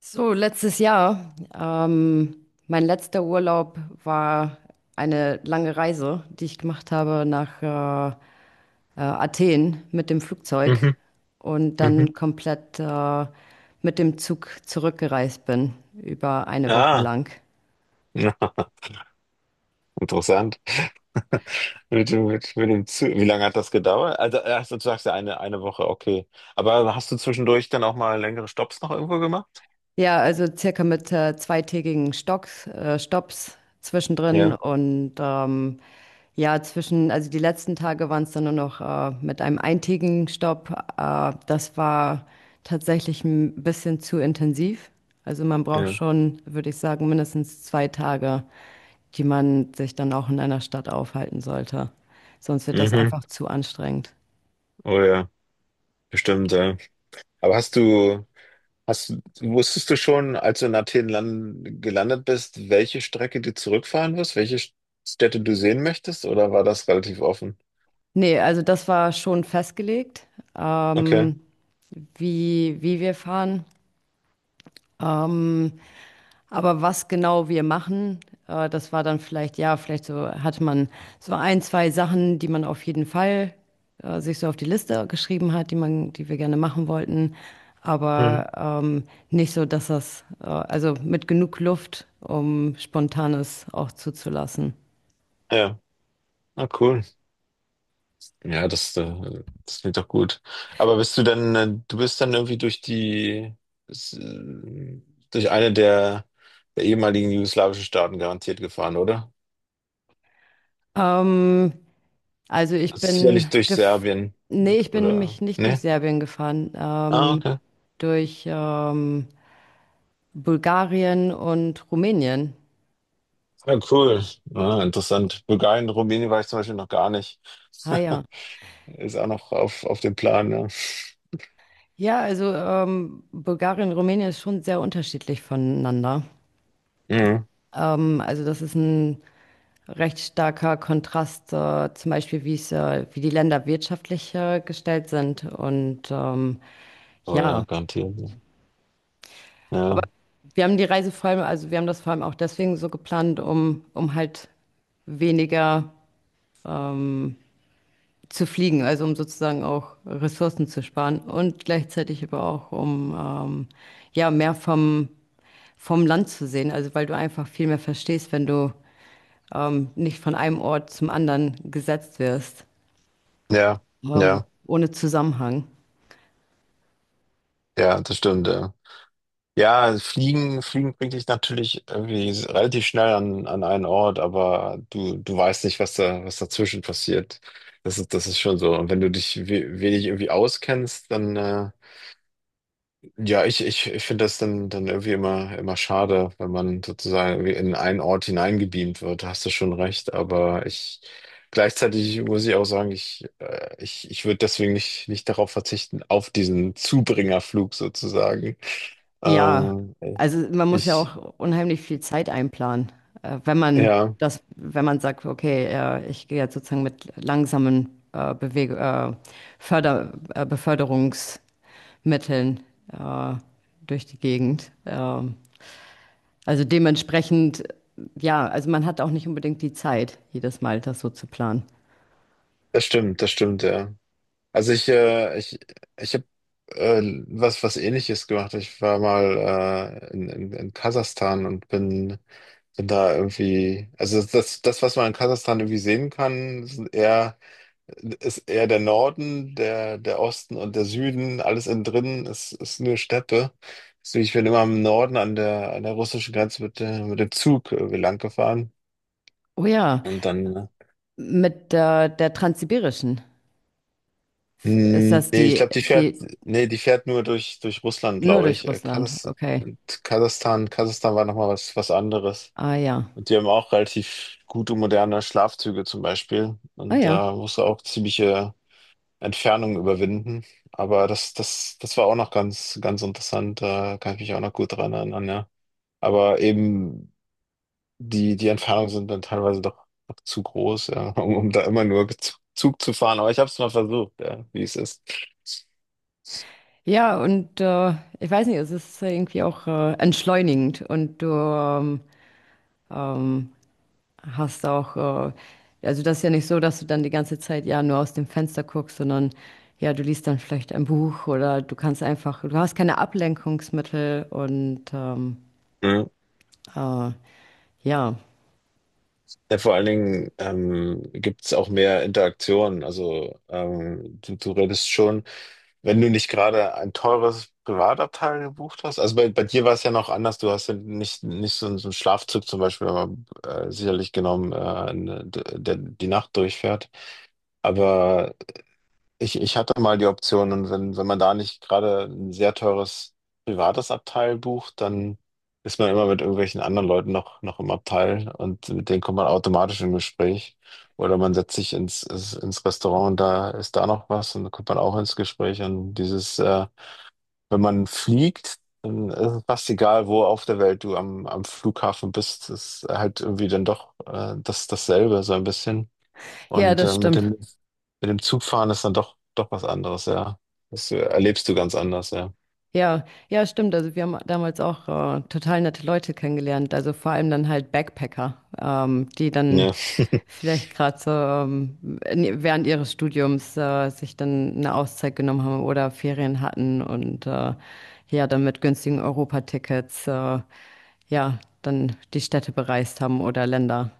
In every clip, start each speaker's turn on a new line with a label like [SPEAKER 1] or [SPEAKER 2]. [SPEAKER 1] So, letztes Jahr, mein letzter Urlaub war eine lange Reise, die ich gemacht habe nach Athen mit dem Flugzeug
[SPEAKER 2] Mhm,
[SPEAKER 1] und
[SPEAKER 2] mhm.
[SPEAKER 1] dann komplett mit dem Zug zurückgereist bin, über eine Woche
[SPEAKER 2] Ah,
[SPEAKER 1] lang.
[SPEAKER 2] interessant. Mit dem Zug. Wie lange hat das gedauert? Also, erst du sagst ja eine Woche, okay. Aber hast du zwischendurch dann auch mal längere Stopps noch irgendwo gemacht?
[SPEAKER 1] Ja, also circa mit zweitägigen Stops zwischendrin
[SPEAKER 2] Ja,
[SPEAKER 1] und ja, also die letzten Tage waren es dann nur noch mit einem eintägigen Stopp. Das war tatsächlich ein bisschen zu intensiv. Also man braucht
[SPEAKER 2] ja.
[SPEAKER 1] schon, würde ich sagen, mindestens zwei Tage, die man sich dann auch in einer Stadt aufhalten sollte. Sonst wird das
[SPEAKER 2] Mhm.
[SPEAKER 1] einfach zu anstrengend.
[SPEAKER 2] Oh ja, bestimmt, ja. Aber hast, du- wusstest du schon, als du in Athen gelandet bist, welche Strecke du zurückfahren wirst, welche Städte du sehen möchtest, oder war das relativ offen?
[SPEAKER 1] Nee, also das war schon festgelegt,
[SPEAKER 2] Okay.
[SPEAKER 1] ähm, wie, wie wir fahren. Aber was genau wir machen, das war dann vielleicht, ja, vielleicht, so hatte man so ein, zwei Sachen, die man auf jeden Fall sich so auf die Liste geschrieben hat, die wir gerne machen wollten.
[SPEAKER 2] Hm.
[SPEAKER 1] Aber ähm, nicht so, dass also mit genug Luft, um Spontanes auch zuzulassen.
[SPEAKER 2] Ja. Ah, cool. Ja, das klingt doch gut. Aber bist du dann, du bist dann irgendwie s- äh, durch eine der ehemaligen jugoslawischen Staaten garantiert gefahren, oder?
[SPEAKER 1] Ähm, also ich
[SPEAKER 2] Sicherlich
[SPEAKER 1] bin
[SPEAKER 2] durch
[SPEAKER 1] gef
[SPEAKER 2] Serbien,
[SPEAKER 1] nee, ich bin
[SPEAKER 2] oder?
[SPEAKER 1] nämlich nicht durch
[SPEAKER 2] Ne?
[SPEAKER 1] Serbien gefahren,
[SPEAKER 2] Ah, okay.
[SPEAKER 1] durch Bulgarien und Rumänien.
[SPEAKER 2] Ja, cool. Ah, interessant. Bulgarien, Rumänien war ich zum Beispiel noch gar nicht.
[SPEAKER 1] Ah ja.
[SPEAKER 2] Ist auch noch auf dem Plan, ja.
[SPEAKER 1] Ja, also Bulgarien und Rumänien ist schon sehr unterschiedlich voneinander.
[SPEAKER 2] Mhm.
[SPEAKER 1] Also das ist ein recht starker Kontrast, zum Beispiel wie wie die Länder wirtschaftlich gestellt sind. Und
[SPEAKER 2] Oh ja,
[SPEAKER 1] ja,
[SPEAKER 2] garantiert. Ja,
[SPEAKER 1] wir haben die Reise vor allem, also wir haben das vor allem auch deswegen so geplant, um, um halt weniger zu fliegen, also um sozusagen auch Ressourcen zu sparen und gleichzeitig aber auch um ja, mehr vom vom Land zu sehen, also weil du einfach viel mehr verstehst, wenn du nicht von einem Ort zum anderen gesetzt wirst,
[SPEAKER 2] ja, ja,
[SPEAKER 1] ohne Zusammenhang.
[SPEAKER 2] ja, das stimmt, ja. Ja, Fliegen, Fliegen bringt dich natürlich irgendwie relativ schnell an einen Ort, aber du weißt nicht, was dazwischen passiert. Das ist schon so. Und wenn du dich we wenig irgendwie auskennst, dann, ja, ich finde das dann, dann irgendwie immer, immer schade, wenn man sozusagen irgendwie in einen Ort hineingebeamt wird. Da hast du schon recht, gleichzeitig muss ich auch sagen, ich würde deswegen nicht darauf verzichten, auf diesen Zubringerflug sozusagen.
[SPEAKER 1] Ja,
[SPEAKER 2] Ähm,
[SPEAKER 1] also man muss ja
[SPEAKER 2] ich,
[SPEAKER 1] auch unheimlich viel Zeit einplanen, wenn man
[SPEAKER 2] ja,
[SPEAKER 1] das, wenn man sagt, okay, ich gehe jetzt sozusagen mit langsamen Beweg Förder Beförderungsmitteln äh, durch die Gegend. Also dementsprechend, ja, also man hat auch nicht unbedingt die Zeit, jedes Mal das so zu planen.
[SPEAKER 2] das stimmt, ja. Also ich habe äh, was Ähnliches gemacht. Ich war mal in Kasachstan und bin da irgendwie, also das, was man in Kasachstan irgendwie sehen kann, sind eher, ist eher der Norden, der Osten und der Süden, alles innen drin ist nur Steppe. Deswegen, ich bin immer im Norden an der russischen Grenze mit dem Zug lang gefahren
[SPEAKER 1] Oh ja,
[SPEAKER 2] und dann.
[SPEAKER 1] mit der Transsibirischen ist
[SPEAKER 2] Mm,
[SPEAKER 1] das
[SPEAKER 2] nee, ich
[SPEAKER 1] die,
[SPEAKER 2] glaube,
[SPEAKER 1] die
[SPEAKER 2] nee, die fährt nur durch Russland,
[SPEAKER 1] nur
[SPEAKER 2] glaube ich.
[SPEAKER 1] durch Russland, okay.
[SPEAKER 2] Kasachstan, Kasachstan war nochmal was anderes.
[SPEAKER 1] Ah ja.
[SPEAKER 2] Und die haben auch relativ gute moderne Schlafzüge zum Beispiel.
[SPEAKER 1] Ah
[SPEAKER 2] Und
[SPEAKER 1] ja.
[SPEAKER 2] da musst du auch ziemliche Entfernungen überwinden. Aber das war auch noch ganz, ganz interessant. Da kann ich mich auch noch gut dran erinnern, ja. Aber eben die Entfernungen sind dann teilweise doch, doch zu groß, ja, um da immer nur Zug Zug zu fahren. Aber ich habe es mal versucht, ja, wie es ist.
[SPEAKER 1] Ja, und ich weiß nicht, es ist irgendwie auch entschleunigend und du ähm, hast auch, also das ist ja nicht so, dass du dann die ganze Zeit ja nur aus dem Fenster guckst, sondern ja, du liest dann vielleicht ein Buch oder du kannst einfach, du hast keine Ablenkungsmittel und äh, ja,
[SPEAKER 2] Ja, vor allen Dingen gibt es auch mehr Interaktion. Also du redest schon, wenn du nicht gerade ein teures Privatabteil gebucht hast. Also bei dir war es ja noch anders. Du hast ja nicht so einen Schlafzug zum Beispiel aber, sicherlich genommen, ne, der die Nacht durchfährt. Aber ich hatte mal die Option und wenn man da nicht gerade ein sehr teures privates Abteil bucht, dann ist man immer mit irgendwelchen anderen Leuten noch im Abteil und mit denen kommt man automatisch in Gespräch. Oder man setzt sich ins Restaurant und da ist da noch was und dann kommt man auch ins Gespräch. Und wenn man fliegt, dann ist es fast egal, wo auf der Welt du am Flughafen bist, ist halt irgendwie dann doch dasselbe, so ein bisschen.
[SPEAKER 1] ja,
[SPEAKER 2] Und
[SPEAKER 1] das
[SPEAKER 2] mit dem,
[SPEAKER 1] stimmt.
[SPEAKER 2] mit dem Zugfahren ist dann doch, doch was anderes, ja. Das erlebst du ganz anders, ja.
[SPEAKER 1] Ja, ja, stimmt. Also wir haben damals auch total nette Leute kennengelernt. Also vor allem dann halt Backpacker, die dann
[SPEAKER 2] Ja.
[SPEAKER 1] vielleicht gerade so während ihres Studiums sich dann eine Auszeit genommen haben oder Ferien hatten und ja, dann mit günstigen Europatickets ja, dann die Städte bereist haben oder Länder.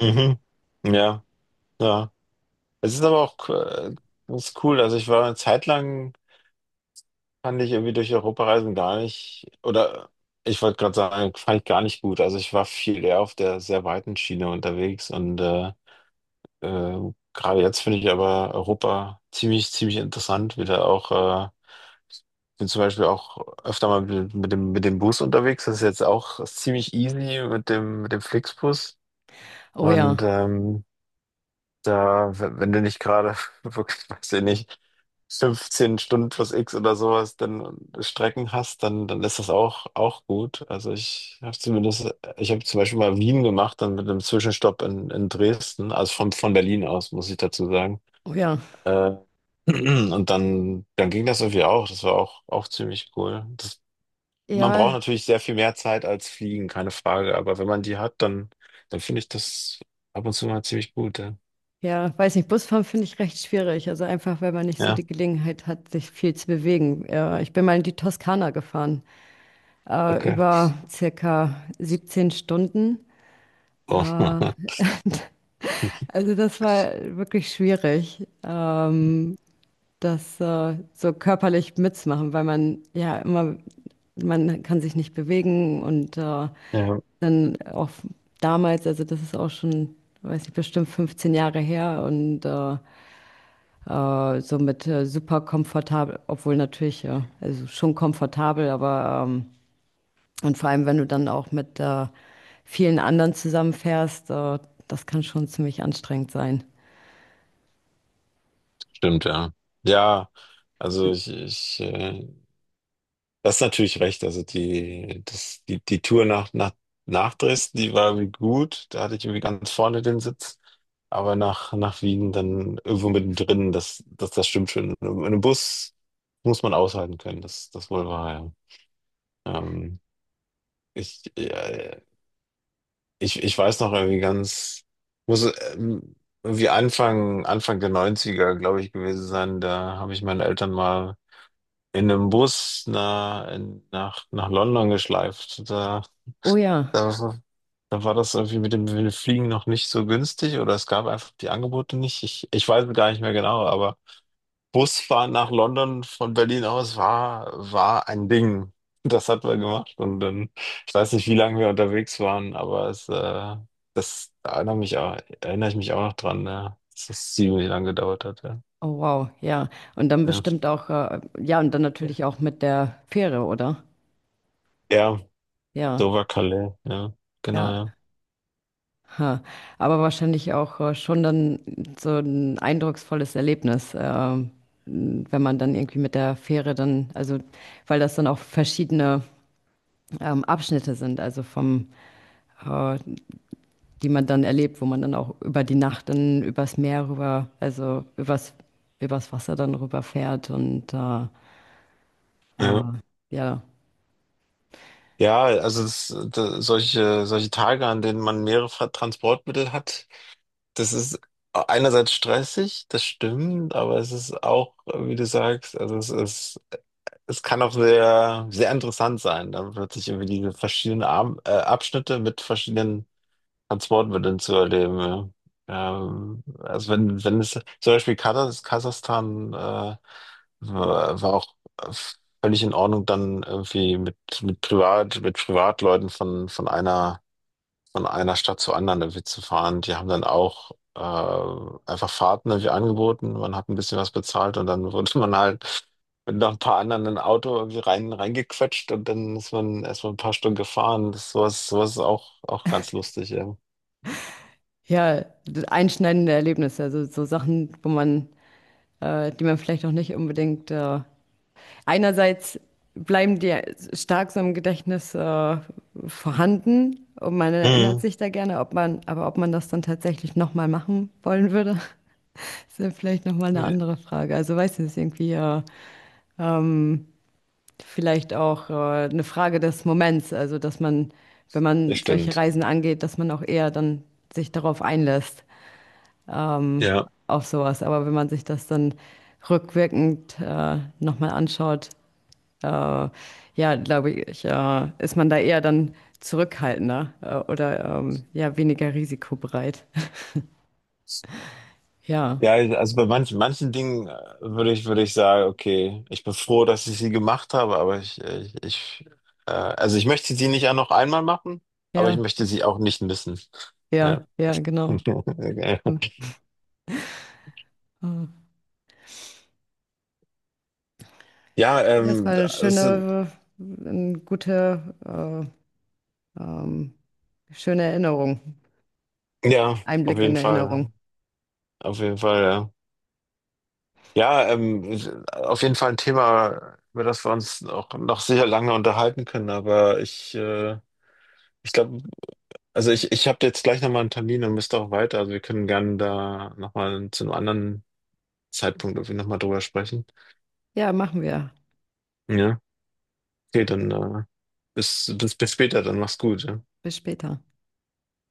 [SPEAKER 2] Mhm. Ja, ja. Es ist aber auch ganz cool. Also ich war eine Zeit lang, fand ich irgendwie durch Europa reisen gar nicht, oder ich wollte gerade sagen, fand ich gar nicht gut. Also ich war viel eher auf der sehr weiten Schiene unterwegs Äh, gerade jetzt finde ich aber Europa ziemlich, ziemlich interessant, wie da auch, bin zum Beispiel auch öfter mal mit dem Bus unterwegs. Das ist jetzt auch ziemlich easy mit dem Flixbus.
[SPEAKER 1] Oh ja,
[SPEAKER 2] Und wenn du nicht gerade, wirklich, weiß ich nicht, 15 Stunden plus X oder sowas, dann Strecken hast, dann ist das auch gut. Also ich habe zum Beispiel mal Wien gemacht, dann mit einem Zwischenstopp in Dresden, also von Berlin aus, muss ich dazu sagen.
[SPEAKER 1] oh ja.
[SPEAKER 2] Äh, und dann ging das irgendwie auch. Das war auch ziemlich cool. Man braucht
[SPEAKER 1] Ja,
[SPEAKER 2] natürlich sehr viel mehr Zeit als Fliegen, keine Frage. Aber wenn man die hat, dann finde ich das ab und zu mal ziemlich gut. Ja,
[SPEAKER 1] ja, weiß nicht, Busfahren finde ich recht schwierig. Also einfach, weil man nicht so
[SPEAKER 2] ja,
[SPEAKER 1] die Gelegenheit hat, sich viel zu bewegen. Ich bin mal in die Toskana gefahren,
[SPEAKER 2] okay.
[SPEAKER 1] über circa 17 Stunden.
[SPEAKER 2] Oh.
[SPEAKER 1] Äh, also das war wirklich schwierig, das so körperlich mitzumachen, weil man ja immer, man kann sich nicht bewegen und
[SPEAKER 2] Ja.
[SPEAKER 1] dann auch damals, also das ist auch schon, weiß nicht, bestimmt 15 Jahre her und so mit super komfortabel, obwohl natürlich, ja, also schon komfortabel, aber und vor allem, wenn du dann auch mit vielen anderen zusammenfährst, das kann schon ziemlich anstrengend sein.
[SPEAKER 2] Stimmt, ja. Ja, also ich das ist natürlich recht. Also die Tour nach Dresden, die war irgendwie gut. Da hatte ich irgendwie ganz vorne den Sitz. Aber nach Wien dann irgendwo mittendrin, das stimmt schon. In einem Bus muss man aushalten können, das wohl war, ja. Ähm, ja, ja. Ich weiß noch irgendwie ganz, muss ähm, irgendwie Anfang der Neunziger glaube ich, gewesen sein. Da habe ich meine Eltern mal in einem Bus nach London geschleift.
[SPEAKER 1] Oh ja,
[SPEAKER 2] Da, da war das irgendwie mit dem Fliegen noch nicht so günstig oder es gab einfach die Angebote nicht. Ich weiß es gar nicht mehr genau, aber Busfahren nach London von Berlin aus war ein Ding. Das hat man gemacht und dann, ich weiß nicht, wie lange wir unterwegs waren, aber das erinnere mich auch, erinnere ich mich auch noch dran, ne? Dass das ziemlich lang gedauert hat, ja.
[SPEAKER 1] oh wow, ja. Und dann
[SPEAKER 2] Ja,
[SPEAKER 1] bestimmt auch, ja, und dann natürlich auch mit der Fähre, oder?
[SPEAKER 2] ja,
[SPEAKER 1] Ja,
[SPEAKER 2] Dover-Calais, ja, genau,
[SPEAKER 1] ja.
[SPEAKER 2] ja.
[SPEAKER 1] Ha. Aber wahrscheinlich auch schon dann so ein eindrucksvolles Erlebnis, wenn man dann irgendwie mit der Fähre dann, also weil das dann auch verschiedene Abschnitte sind, äh, die man dann erlebt, wo man dann auch über die Nacht dann übers Meer rüber, also übers, übers Wasser dann rüberfährt und äh,
[SPEAKER 2] Ja,
[SPEAKER 1] ja,
[SPEAKER 2] ja, also solche Tage, an denen man mehrere Transportmittel hat. Das ist einerseits stressig, das stimmt, aber es ist auch, wie du sagst, also es ist, es kann auch sehr, sehr interessant sein, dann plötzlich irgendwie diese verschiedenen Abschnitte mit verschiedenen Transportmitteln zu erleben. Ja. Also wenn es zum Beispiel Kasachstan war auch äh, völlig in Ordnung, dann irgendwie mit Privatleuten von einer Stadt zur anderen irgendwie zu fahren. Die haben dann auch einfach Fahrten irgendwie angeboten. Man hat ein bisschen was bezahlt und dann wurde man halt mit noch ein paar anderen in ein Auto irgendwie reingequetscht und dann ist man erstmal ein paar Stunden gefahren. Sowas ist auch ganz lustig, ja.
[SPEAKER 1] ja, einschneidende Erlebnisse, also so Sachen, wo man, die man vielleicht auch nicht unbedingt einerseits bleiben die stark so im Gedächtnis vorhanden, und man erinnert
[SPEAKER 2] Mhm.
[SPEAKER 1] sich da gerne, ob man, aber ob man das dann tatsächlich nochmal machen wollen würde, das ist ja vielleicht nochmal eine
[SPEAKER 2] Ja,
[SPEAKER 1] andere Frage. Also weiß nicht, ist irgendwie vielleicht auch eine Frage des Moments. Also dass man, wenn
[SPEAKER 2] das
[SPEAKER 1] man solche
[SPEAKER 2] stimmt.
[SPEAKER 1] Reisen angeht, dass man auch eher dann sich darauf einlässt, ähm,
[SPEAKER 2] Ja.
[SPEAKER 1] auf sowas. Aber wenn man sich das dann rückwirkend nochmal anschaut, äh, ja, glaube ich, ist man da eher dann zurückhaltender oder ja, weniger risikobereit. Ja,
[SPEAKER 2] Ja, also bei manchen Dingen würde ich sagen, okay, ich bin froh, dass ich sie gemacht habe, aber ich also ich möchte sie nicht auch noch einmal machen, aber ich
[SPEAKER 1] ja,
[SPEAKER 2] möchte sie auch nicht missen. Ja,
[SPEAKER 1] ja, ja, genau. Hm. Ah.
[SPEAKER 2] ja,
[SPEAKER 1] Ja, es war eine
[SPEAKER 2] es sind,
[SPEAKER 1] schöne, eine gute, äh, ähm, schöne Erinnerung.
[SPEAKER 2] ja, auf
[SPEAKER 1] Einblick in
[SPEAKER 2] jeden
[SPEAKER 1] Erinnerung.
[SPEAKER 2] Fall, auf jeden Fall, ja. Ja, auf jeden Fall ein Thema, über das wir uns auch noch sicher lange unterhalten können, aber ich glaube, also ich habe jetzt gleich nochmal einen Termin und müsste auch weiter. Also wir können gerne da nochmal zu einem anderen Zeitpunkt irgendwie nochmal drüber sprechen.
[SPEAKER 1] Ja, machen wir.
[SPEAKER 2] Ja, okay, dann bis später, dann mach's gut. Ja.
[SPEAKER 1] Bis später.